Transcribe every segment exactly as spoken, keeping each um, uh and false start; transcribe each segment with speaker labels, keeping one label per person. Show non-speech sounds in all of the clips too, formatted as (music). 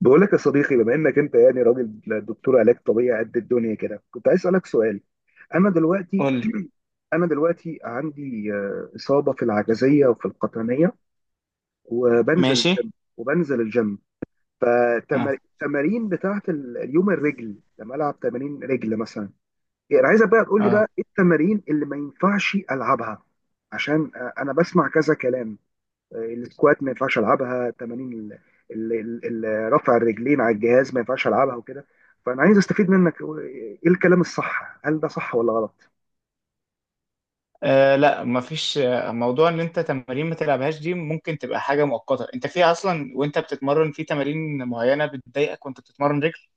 Speaker 1: بقول لك يا صديقي، بما انك انت يعني راجل دكتور علاج طبيعي قد الدنيا كده، كنت عايز اسالك سؤال. انا دلوقتي
Speaker 2: قول لي.
Speaker 1: (clears throat) انا دلوقتي عندي آه، اصابه في العجزيه وفي القطنيه، وبنزل
Speaker 2: ماشي.
Speaker 1: الجيم وبنزل الجيم
Speaker 2: اه،
Speaker 1: فالتمارين بتاعت ال- اليوم الرجل، لما العب تمارين رجل مثلا، يعني انا عايزك بقى تقول لي
Speaker 2: اه.
Speaker 1: بقى ايه التمارين اللي ما ينفعش العبها، عشان آه، انا بسمع كذا كلام. السكوات ما ينفعش العبها، تمارين ال- ال- ال- ال- رفع الرجلين على الجهاز ما ينفعش العبها وكده. فانا عايز استفيد منك، ايه الكلام الصح؟ هل ده صح ولا غلط؟
Speaker 2: آه، لا، مفيش آه، موضوع ان انت تمارين ما تلعبهاش. دي ممكن تبقى حاجه مؤقته، انت في اصلا وانت بتتمرن في تمارين معينه بتضايقك وانت بتتمرن رجل.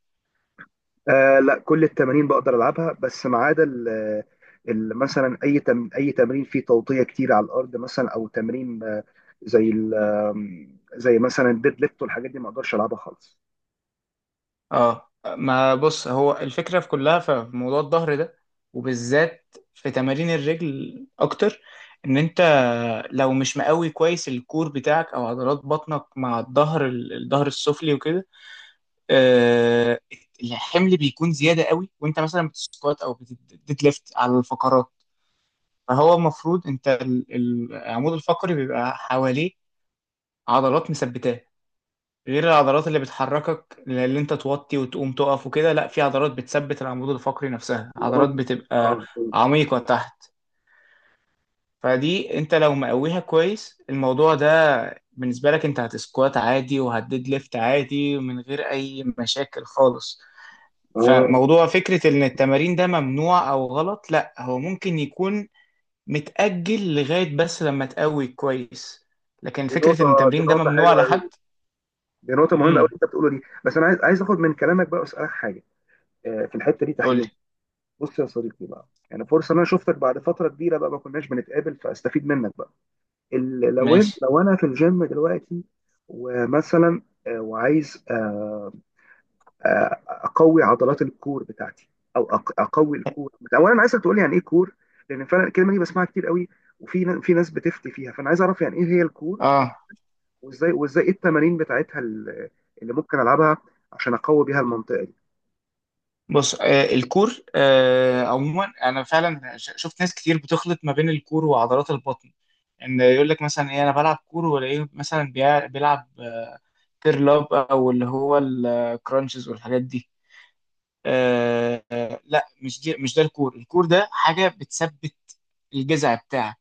Speaker 1: آه لا، كل التمارين بقدر العبها، بس ما عدا ال- ال- مثلا اي تم اي تمرين فيه توطيه كتير على الارض مثلا، او تمرين آه، زي ال- آم، زي مثلا الديد ليفت والحاجات دي ما اقدرش العبها خالص.
Speaker 2: اه. ما بص، هو الفكره في كلها في موضوع الظهر ده، وبالذات في تمارين الرجل اكتر، ان انت لو مش مقوي كويس الكور بتاعك او عضلات بطنك مع الظهر، الظهر السفلي وكده، آه، الحمل بيكون زياده قوي وانت مثلا بتسكوات او بتديد ليفت على الفقرات. فهو المفروض انت ال- ال- العمود الفقري بيبقى حواليه عضلات مثبتاه، غير العضلات اللي بتحركك اللي انت توطي وتقوم تقف وكده. لا، في عضلات بتثبت العمود الفقري نفسها،
Speaker 1: اه.
Speaker 2: عضلات بتبقى
Speaker 1: آه، فهمت.
Speaker 2: عميقه تحت. فدي انت لو مقويها كويس الموضوع ده بالنسبه لك، انت هتسكوات عادي وهتديد ليفت عادي من غير اي مشاكل خالص.
Speaker 1: آه،
Speaker 2: فموضوع فكرة إن التمارين ده ممنوع أو غلط، لأ، هو ممكن يكون متأجل لغاية بس لما تقوي كويس. لكن
Speaker 1: دي
Speaker 2: فكرة
Speaker 1: نقطة.
Speaker 2: إن
Speaker 1: دي
Speaker 2: التمرين ده
Speaker 1: نقطة
Speaker 2: ممنوع
Speaker 1: حلوة.
Speaker 2: لحد...
Speaker 1: دي نقطة مهمة أوي
Speaker 2: امم.
Speaker 1: اللي أنت بتقوله دي، بس أنا عايز عايز آخد من كلامك بقى وأسألك حاجة. آه، في الحتة دي تحليل.
Speaker 2: قولي.
Speaker 1: بص يا صديقي بقى، يعني فرصة إن أنا شفتك بعد فترة كبيرة بقى، ما كناش بنتقابل، فأستفيد منك بقى. ال- لو إن-
Speaker 2: ماشي.
Speaker 1: لو أنا في الجيم دلوقتي ومثلا آه، وعايز آه، آه، أقوي عضلات الكور بتاعتي، أو أق- أقوي الكور. أولا عايزك تقول لي يعني إيه كور، لأن فعلا الكلمة دي بسمعها كتير قوي، وفي ن- في ناس بتفتي فيها، فأنا عايز أعرف يعني إيه هي الكور،
Speaker 2: اه.
Speaker 1: وازاي وازاي ايه التمارين بتاعتها ال- اللي ممكن العبها عشان اقوي بيها المنطقه دي.
Speaker 2: بص، آه الكور، آه عموما أنا فعلا ش- شفت ناس كتير بتخلط ما بين الكور وعضلات البطن، إن يقول لك مثلا إيه، أنا بلعب كور، ولا إيه، مثلا بيع- بيلعب كيرل أب أو اللي هو الكرانشز والحاجات دي. آه. لا، مش دي، مش ده الكور. الكور ده حاجة بتثبت الجذع بتاعك،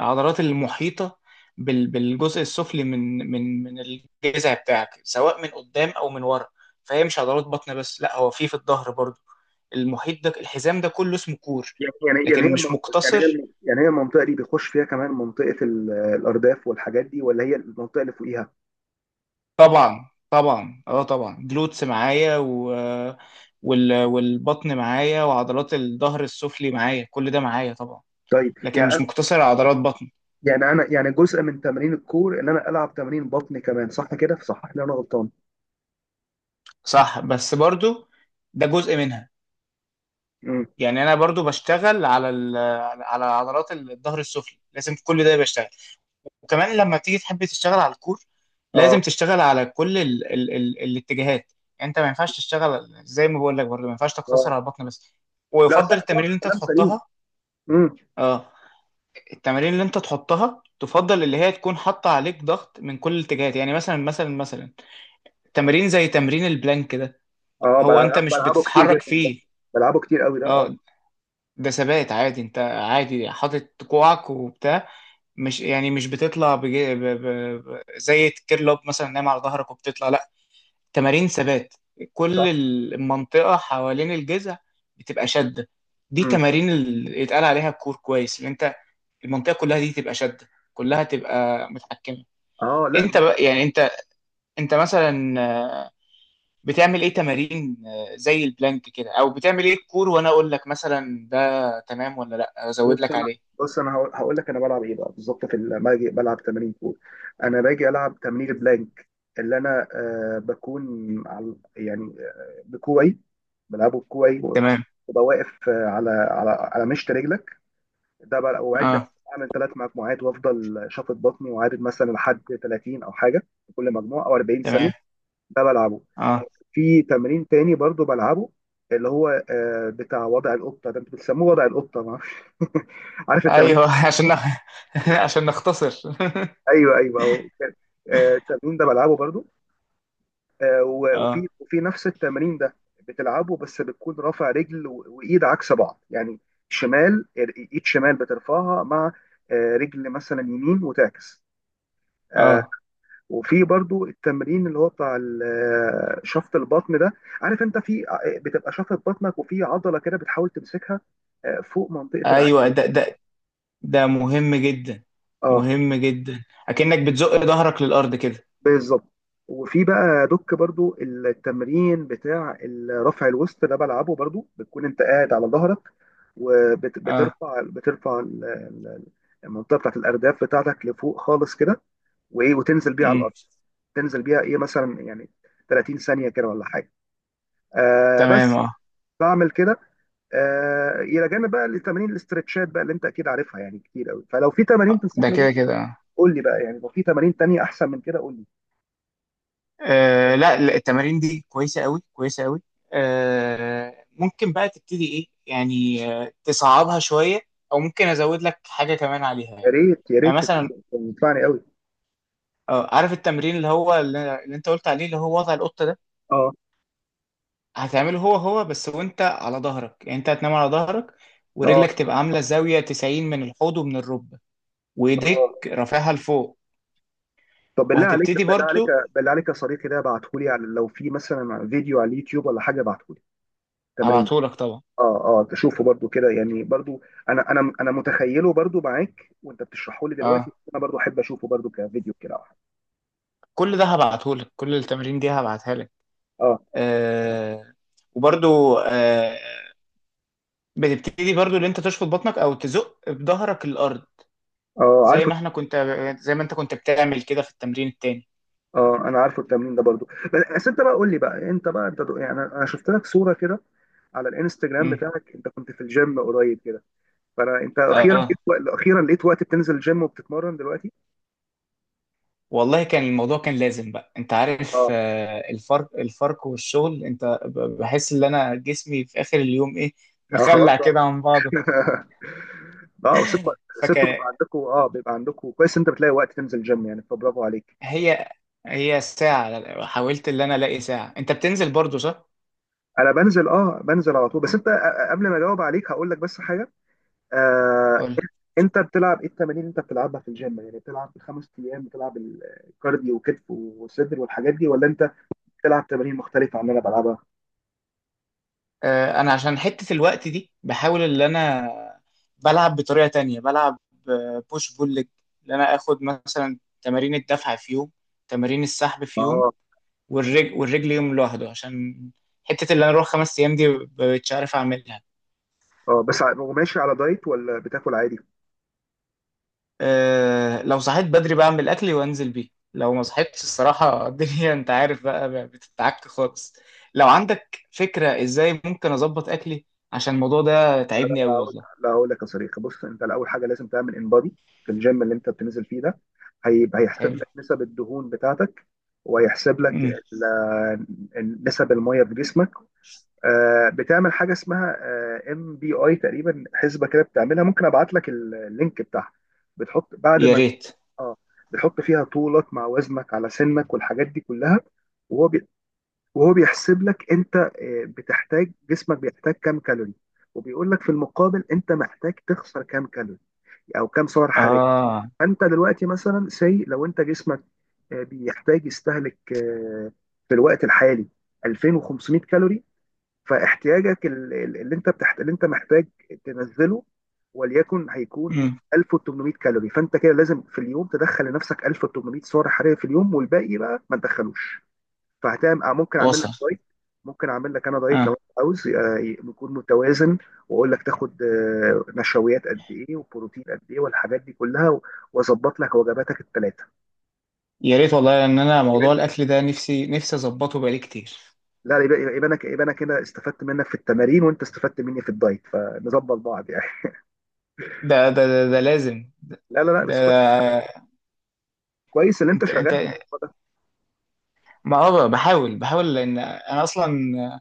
Speaker 2: العضلات المحيطة بال- بالجزء السفلي من من من الجذع بتاعك، سواء من قدام أو من ورا. فهي مش عضلات بطن بس، لا، هو في في الظهر برضو. المحيط ده، الحزام ده كله اسمه كور.
Speaker 1: يعني يعني يعني هي
Speaker 2: لكن مش
Speaker 1: المنطقة، يعني هي
Speaker 2: مقتصر.
Speaker 1: الم- يعني هي المنطقه دي بيخش فيها كمان منطقه ال- الارداف والحاجات دي، ولا هي المنطقه اللي فوقيها؟
Speaker 2: طبعا، طبعا، اه طبعا جلوتس معايا، و وال... والبطن معايا وعضلات الظهر السفلي معايا، كل ده معايا طبعا.
Speaker 1: طيب
Speaker 2: لكن
Speaker 1: يعني
Speaker 2: مش
Speaker 1: أنا-
Speaker 2: مقتصر على عضلات بطن.
Speaker 1: يعني انا يعني جزء من تمارين الكور ان انا العب تمارين بطن كمان، صح كده؟ صحح لي انا غلطان.
Speaker 2: صح، بس برضو ده جزء منها.
Speaker 1: امم.
Speaker 2: يعني انا برضو بشتغل على ال- على عضلات الظهر السفلي، لازم في كل ده بشتغل. وكمان لما تيجي تحب تشتغل على الكور،
Speaker 1: اه.
Speaker 2: لازم تشتغل على كل ال ال ال الاتجاهات. يعني انت ما ينفعش تشتغل، زي ما بقول لك، برضو ما ينفعش تقتصر على
Speaker 1: اه.
Speaker 2: البطن بس،
Speaker 1: لا، صح
Speaker 2: ويفضل
Speaker 1: صح،
Speaker 2: التمارين اللي انت
Speaker 1: كلام سليم.
Speaker 2: تحطها.
Speaker 1: امم.
Speaker 2: اه. التمارين اللي انت تحطها تفضل اللي هي تكون حاطه عليك ضغط من كل الاتجاهات. يعني مثلا مثلا مثلا تمارين زي تمرين البلانك ده،
Speaker 1: اه.
Speaker 2: هو انت
Speaker 1: بلعب
Speaker 2: مش
Speaker 1: بلعبه كتير
Speaker 2: بتتحرك
Speaker 1: جدا ده.
Speaker 2: فيه.
Speaker 1: بلعبه كتير قوي ده. اه.
Speaker 2: اه. ده ثبات عادي، انت عادي حاطط كوعك وبتاع، مش يعني مش بتطلع، بجي ب... ب... ب... زي الكيرلوب مثلا نايم على ظهرك وبتطلع، لا، تمارين ثبات. كل
Speaker 1: صح.
Speaker 2: المنطقة حوالين الجذع بتبقى شدة. دي
Speaker 1: امم.
Speaker 2: تمارين اللي اتقال عليها الكور كويس اللي انت... المنطقة كلها دي تبقى شدة، كلها تبقى متحكمة.
Speaker 1: اه. لا.
Speaker 2: انت بقى، يعني انت انت مثلا بتعمل ايه تمارين؟ زي البلانك كده؟ او بتعمل ايه الكور، وانا اقول لك مثلا ده تمام ولا لا، ازود
Speaker 1: بص
Speaker 2: لك
Speaker 1: انا
Speaker 2: عليه؟
Speaker 1: بص انا هقول هقول لك انا بلعب ايه بقى بالظبط، في ال- لما باجي بلعب تمارين كور، انا باجي العب تمرين البلانك، اللي انا آه بكون على، يعني آه، بكوعي، بلعبه بكوعي
Speaker 2: تمام.
Speaker 1: وببقى واقف آه، على على على مشط رجلك. ده بقى وعد نفسي
Speaker 2: اه.
Speaker 1: اعمل ثلاث مجموعات، وافضل شافط بطني وعادد مثلا لحد ثلاثين او حاجه في كل مجموعه، او اربعين ثانيه.
Speaker 2: تمام.
Speaker 1: ده بلعبه.
Speaker 2: اه.
Speaker 1: في تمرين تاني برضو بلعبه، اللي هو آه، بتاع وضع القطه ده، انتوا بتسموه وضع القطه ما اعرفش. (laughs) عارف التمرين.
Speaker 2: ايوه. (laughs) عشان نخ... (laughs) عشان نختصر. (laughs)
Speaker 1: ايوه ايوه هو كان- آه، التمرين ده بلعبه برضو. آه، و- وفي
Speaker 2: اه.
Speaker 1: وفي نفس التمرين ده بتلعبه بس بتكون رافع رجل و- وايد عكس بعض يعني، شمال، ايد شمال بترفعها مع آه، رجل مثلا يمين، وتعكس. آه،
Speaker 2: اه.
Speaker 1: وفي برضو التمرين اللي هو بتاع ال- آه، شفط البطن ده. عارف انت في آه، بتبقى شفط بطنك، وفي عضله كده بتحاول تمسكها آه، فوق منطقه العين.
Speaker 2: ايوه. ده ده ده مهم جدا،
Speaker 1: آه،
Speaker 2: مهم جدا، اكنك بتزق ظهرك للارض كده.
Speaker 1: بالظبط. وفي بقى دوك برضو التمرين بتاع رفع الوسط ده، بلعبه برضو، بتكون انت قاعد على ظهرك
Speaker 2: اه.
Speaker 1: وبترفع بترفع ال- ال- المنطقه بتاعت الارداف بتاعتك لفوق خالص كده، وايه وتنزل بيها على
Speaker 2: امم.
Speaker 1: الارض. تنزل بيها ايه مثلا، يعني ثلاثين ثانيه كده ولا حاجه، آه
Speaker 2: تمام.
Speaker 1: بس.
Speaker 2: اه.
Speaker 1: بعمل كده. آه، الى جانب بقى لتمارين الاسترتشات بقى اللي انت اكيد عارفها يعني كتير قوي، فلو في تمارين
Speaker 2: آه، ده
Speaker 1: تنصحني بيها
Speaker 2: كده كده. اه.
Speaker 1: قول لي بقى. يعني لو في تمارين تانية احسن من كده قول لي.
Speaker 2: آه، لا، لا، التمارين دي كويسه قوي، كويسه قوي. آه، ممكن بقى تبتدي ايه، يعني آه، تصعبها شويه، او ممكن ازود لك حاجه كمان عليها
Speaker 1: يا
Speaker 2: يعني.
Speaker 1: ريت يا
Speaker 2: يعني
Speaker 1: ريت،
Speaker 2: مثلا،
Speaker 1: تنفعني قوي.
Speaker 2: آه، عارف التمرين اللي هو اللي اللي انت قلت عليه، اللي هو وضع القطه ده؟
Speaker 1: اه.
Speaker 2: هتعمله هو هو بس وانت على ظهرك، يعني انت هتنام على ظهرك،
Speaker 1: اه.
Speaker 2: ورجلك تبقى عاملة زاوية تسعين من الحوض ومن الركبة،
Speaker 1: اه.
Speaker 2: وايديك رافعها لفوق،
Speaker 1: طب بالله عليك
Speaker 2: وهتبتدي
Speaker 1: بالله عليك
Speaker 2: برضو.
Speaker 1: بالله عليك يا صديقي، ده ابعتهولي، على لو في مثلا فيديو على اليوتيوب ولا حاجه، ابعتهولي تمرين.
Speaker 2: هبعتهولك طبعا.
Speaker 1: اه. اه. تشوفه برضو كده يعني، برضو انا انا انا متخيله برضو معاك وانت بتشرحه لي دلوقتي،
Speaker 2: اه.
Speaker 1: انا برضو احب اشوفه برضو كفيديو كده او حاجه.
Speaker 2: كل ده هبعتهولك، كل التمارين دي هبعتها لك.
Speaker 1: اه.
Speaker 2: آه. وبرضو آه. بتبتدي برضو اللي انت تشفط بطنك او تزق بظهرك الارض،
Speaker 1: اه.
Speaker 2: زي
Speaker 1: عارفه.
Speaker 2: ما احنا كنت زي ما انت كنت بتعمل كده في التمرين التاني.
Speaker 1: اه انا عارفه التمرين ده برضو. بس انت بقى قول لي بقى، انت بقى انت دو- يعني انا أنا شفت لك صوره كده على الانستجرام
Speaker 2: امم.
Speaker 1: بتاعك، انت كنت في الجيم قريب كده، فانا انت اخيرا
Speaker 2: اه.
Speaker 1: لقيت وقت- اخيرا لقيت وقت بتنزل الجيم وبتتمرن دلوقتي.
Speaker 2: والله كان الموضوع كان لازم بقى، انت عارف،
Speaker 1: اه.
Speaker 2: آه، الفرق، الفرق والشغل، انت ب- بحس ان انا جسمي في اخر اليوم ايه،
Speaker 1: اه خلاص
Speaker 2: مخلع
Speaker 1: بقى.
Speaker 2: كده عن بعضه.
Speaker 1: (laughs) اه، وست ست
Speaker 2: فكان...
Speaker 1: بيبقى عندكم، اه، بيبقى عندكم كويس انت بتلاقي وقت تنزل جيم يعني، فبرافو عليك.
Speaker 2: هي هي ساعة حاولت ان انا الاقي ساعة انت بتنزل برضو، صح؟
Speaker 1: انا بنزل، اه بنزل على طول، بس انت آه، آه، قبل ما اجاوب عليك هقول لك بس حاجه. آه.
Speaker 2: قول.
Speaker 1: انت بتلعب ايه التمارين اللي انت بتلعبها في الجيم؟ يعني بتلعب الخمس ايام بتلعب الكارديو وكتف وصدر والحاجات دي، ولا انت بتلعب تمارين مختلفه عن اللي انا بلعبها؟
Speaker 2: آه، انا عشان حتة الوقت دي بحاول ان انا بلعب بطريقة تانية، بلعب بوش بول ليج، ان انا اخد مثلا تمارين الدفع في يوم، تمارين السحب في يوم،
Speaker 1: اه.
Speaker 2: والرجل والرجل يوم لوحده، عشان حتة اللي انا اروح خمس ايام دي مش عارف اعملها.
Speaker 1: اه بس ع- وماشي على دايت ولا بتاكل عادي؟
Speaker 2: أه، لو صحيت بدري بعمل اكلي وانزل بيه، لو ما صحيتش الصراحة (laughs) الدنيا انت عارف بقى بتتعك خالص. لو عندك فكرة ازاي ممكن اظبط اكلي، عشان الموضوع ده تعبني قوي
Speaker 1: هقول-
Speaker 2: والله.
Speaker 1: لا هقول لك يا صديقي. بص انت الاول حاجه لازم تعمل انبادي في الجيم اللي انت بتنزل فيه ده. هيبقى هيحسب
Speaker 2: حلو.
Speaker 1: لك نسب الدهون بتاعتك، وهيحسب لك
Speaker 2: مم.
Speaker 1: ال- ال- نسب الميه في جسمك. آه، بتعمل حاجه اسمها ام بي اي تقريبا، حسبه كده بتعملها. ممكن ابعت لك ال- اللينك بتاعها. بتحط بعد
Speaker 2: يا
Speaker 1: ما،
Speaker 2: ريت.
Speaker 1: اه، بتحط فيها طولك مع وزنك على سنك والحاجات دي كلها، وهو بي- وهو بيحسب لك انت آه، بتحتاج جسمك بيحتاج كام كالوري، وبيقول لك في المقابل انت محتاج تخسر كام كالوري او كام سعر حراري.
Speaker 2: اه.
Speaker 1: فانت دلوقتي مثلا، سي لو انت جسمك آه، بيحتاج يستهلك آه، في الوقت الحالي الفين وخمسمئة كالوري، فاحتياجك ال- ال- اللي انت بتحت... اللي انت محتاج تنزله، وليكن هيكون
Speaker 2: مم.
Speaker 1: الف وتمنمية كالوري. فانت كده لازم في اليوم تدخل لنفسك الف وتمنمية سعر حراري في اليوم، والباقي بقى ما تدخلوش. فهتعمل، آه، ممكن اعمل لك
Speaker 2: وصل.
Speaker 1: دايت. ممكن اعمل لك انا دايت
Speaker 2: اه.
Speaker 1: لو انت عاوز، آه، يكون متوازن، واقول لك تاخد آه، نشويات قد ايه وبروتين قد ايه والحاجات دي كلها، و- واظبط لك وجباتك الثلاثه.
Speaker 2: يا ريت والله، ان انا موضوع الاكل ده نفسي نفسي اظبطه بقالي كتير.
Speaker 1: لا، يبقى يبقى يبقى انا ك- يبقى انا كده استفدت منك في التمارين، وانت استفدت مني في الدايت، فنظبط بعض يعني. (laughs)
Speaker 2: ده ده ده, ده لازم ده,
Speaker 1: لا لا لا بس كوي-
Speaker 2: ده
Speaker 1: كويس اللي انت
Speaker 2: انت
Speaker 1: شغال
Speaker 2: انت
Speaker 1: على الموضوع ده.
Speaker 2: ما اه بحاول بحاول، لان انا اصلا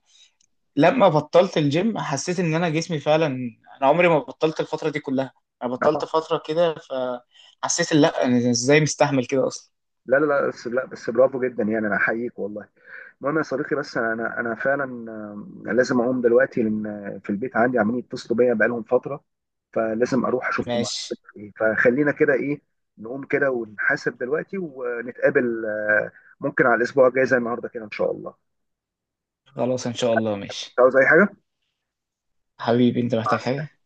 Speaker 2: لما بطلت الجيم حسيت ان انا جسمي فعلا، انا عمري ما بطلت الفتره دي كلها، انا
Speaker 1: آه.
Speaker 2: بطلت فتره كده، فحسيت إن لا، انا ازاي مستحمل كده اصلا؟
Speaker 1: لا لا لا بس، لا بس برافو جدا يعني، انا احييك والله. المهم يا صديقي، بس انا انا أنا فعلا آه، لازم اقوم دلوقتي، لان في البيت عندي عمالين يتصلوا بيا بقالهم فتره، فلازم اروح اشوفهم عملوا
Speaker 2: ماشي.
Speaker 1: إيه. فخلينا كده ايه، نقوم كده ونحاسب دلوقتي، ونتقابل آه، ممكن على الاسبوع الجاي زي النهارده كده ان شاء الله.
Speaker 2: خلاص ان شاء الله.
Speaker 1: مش
Speaker 2: ماشي.
Speaker 1: عاوز اي حاجه.
Speaker 2: حبيبي، انت
Speaker 1: مع
Speaker 2: محتاج حاجه؟
Speaker 1: السلامه.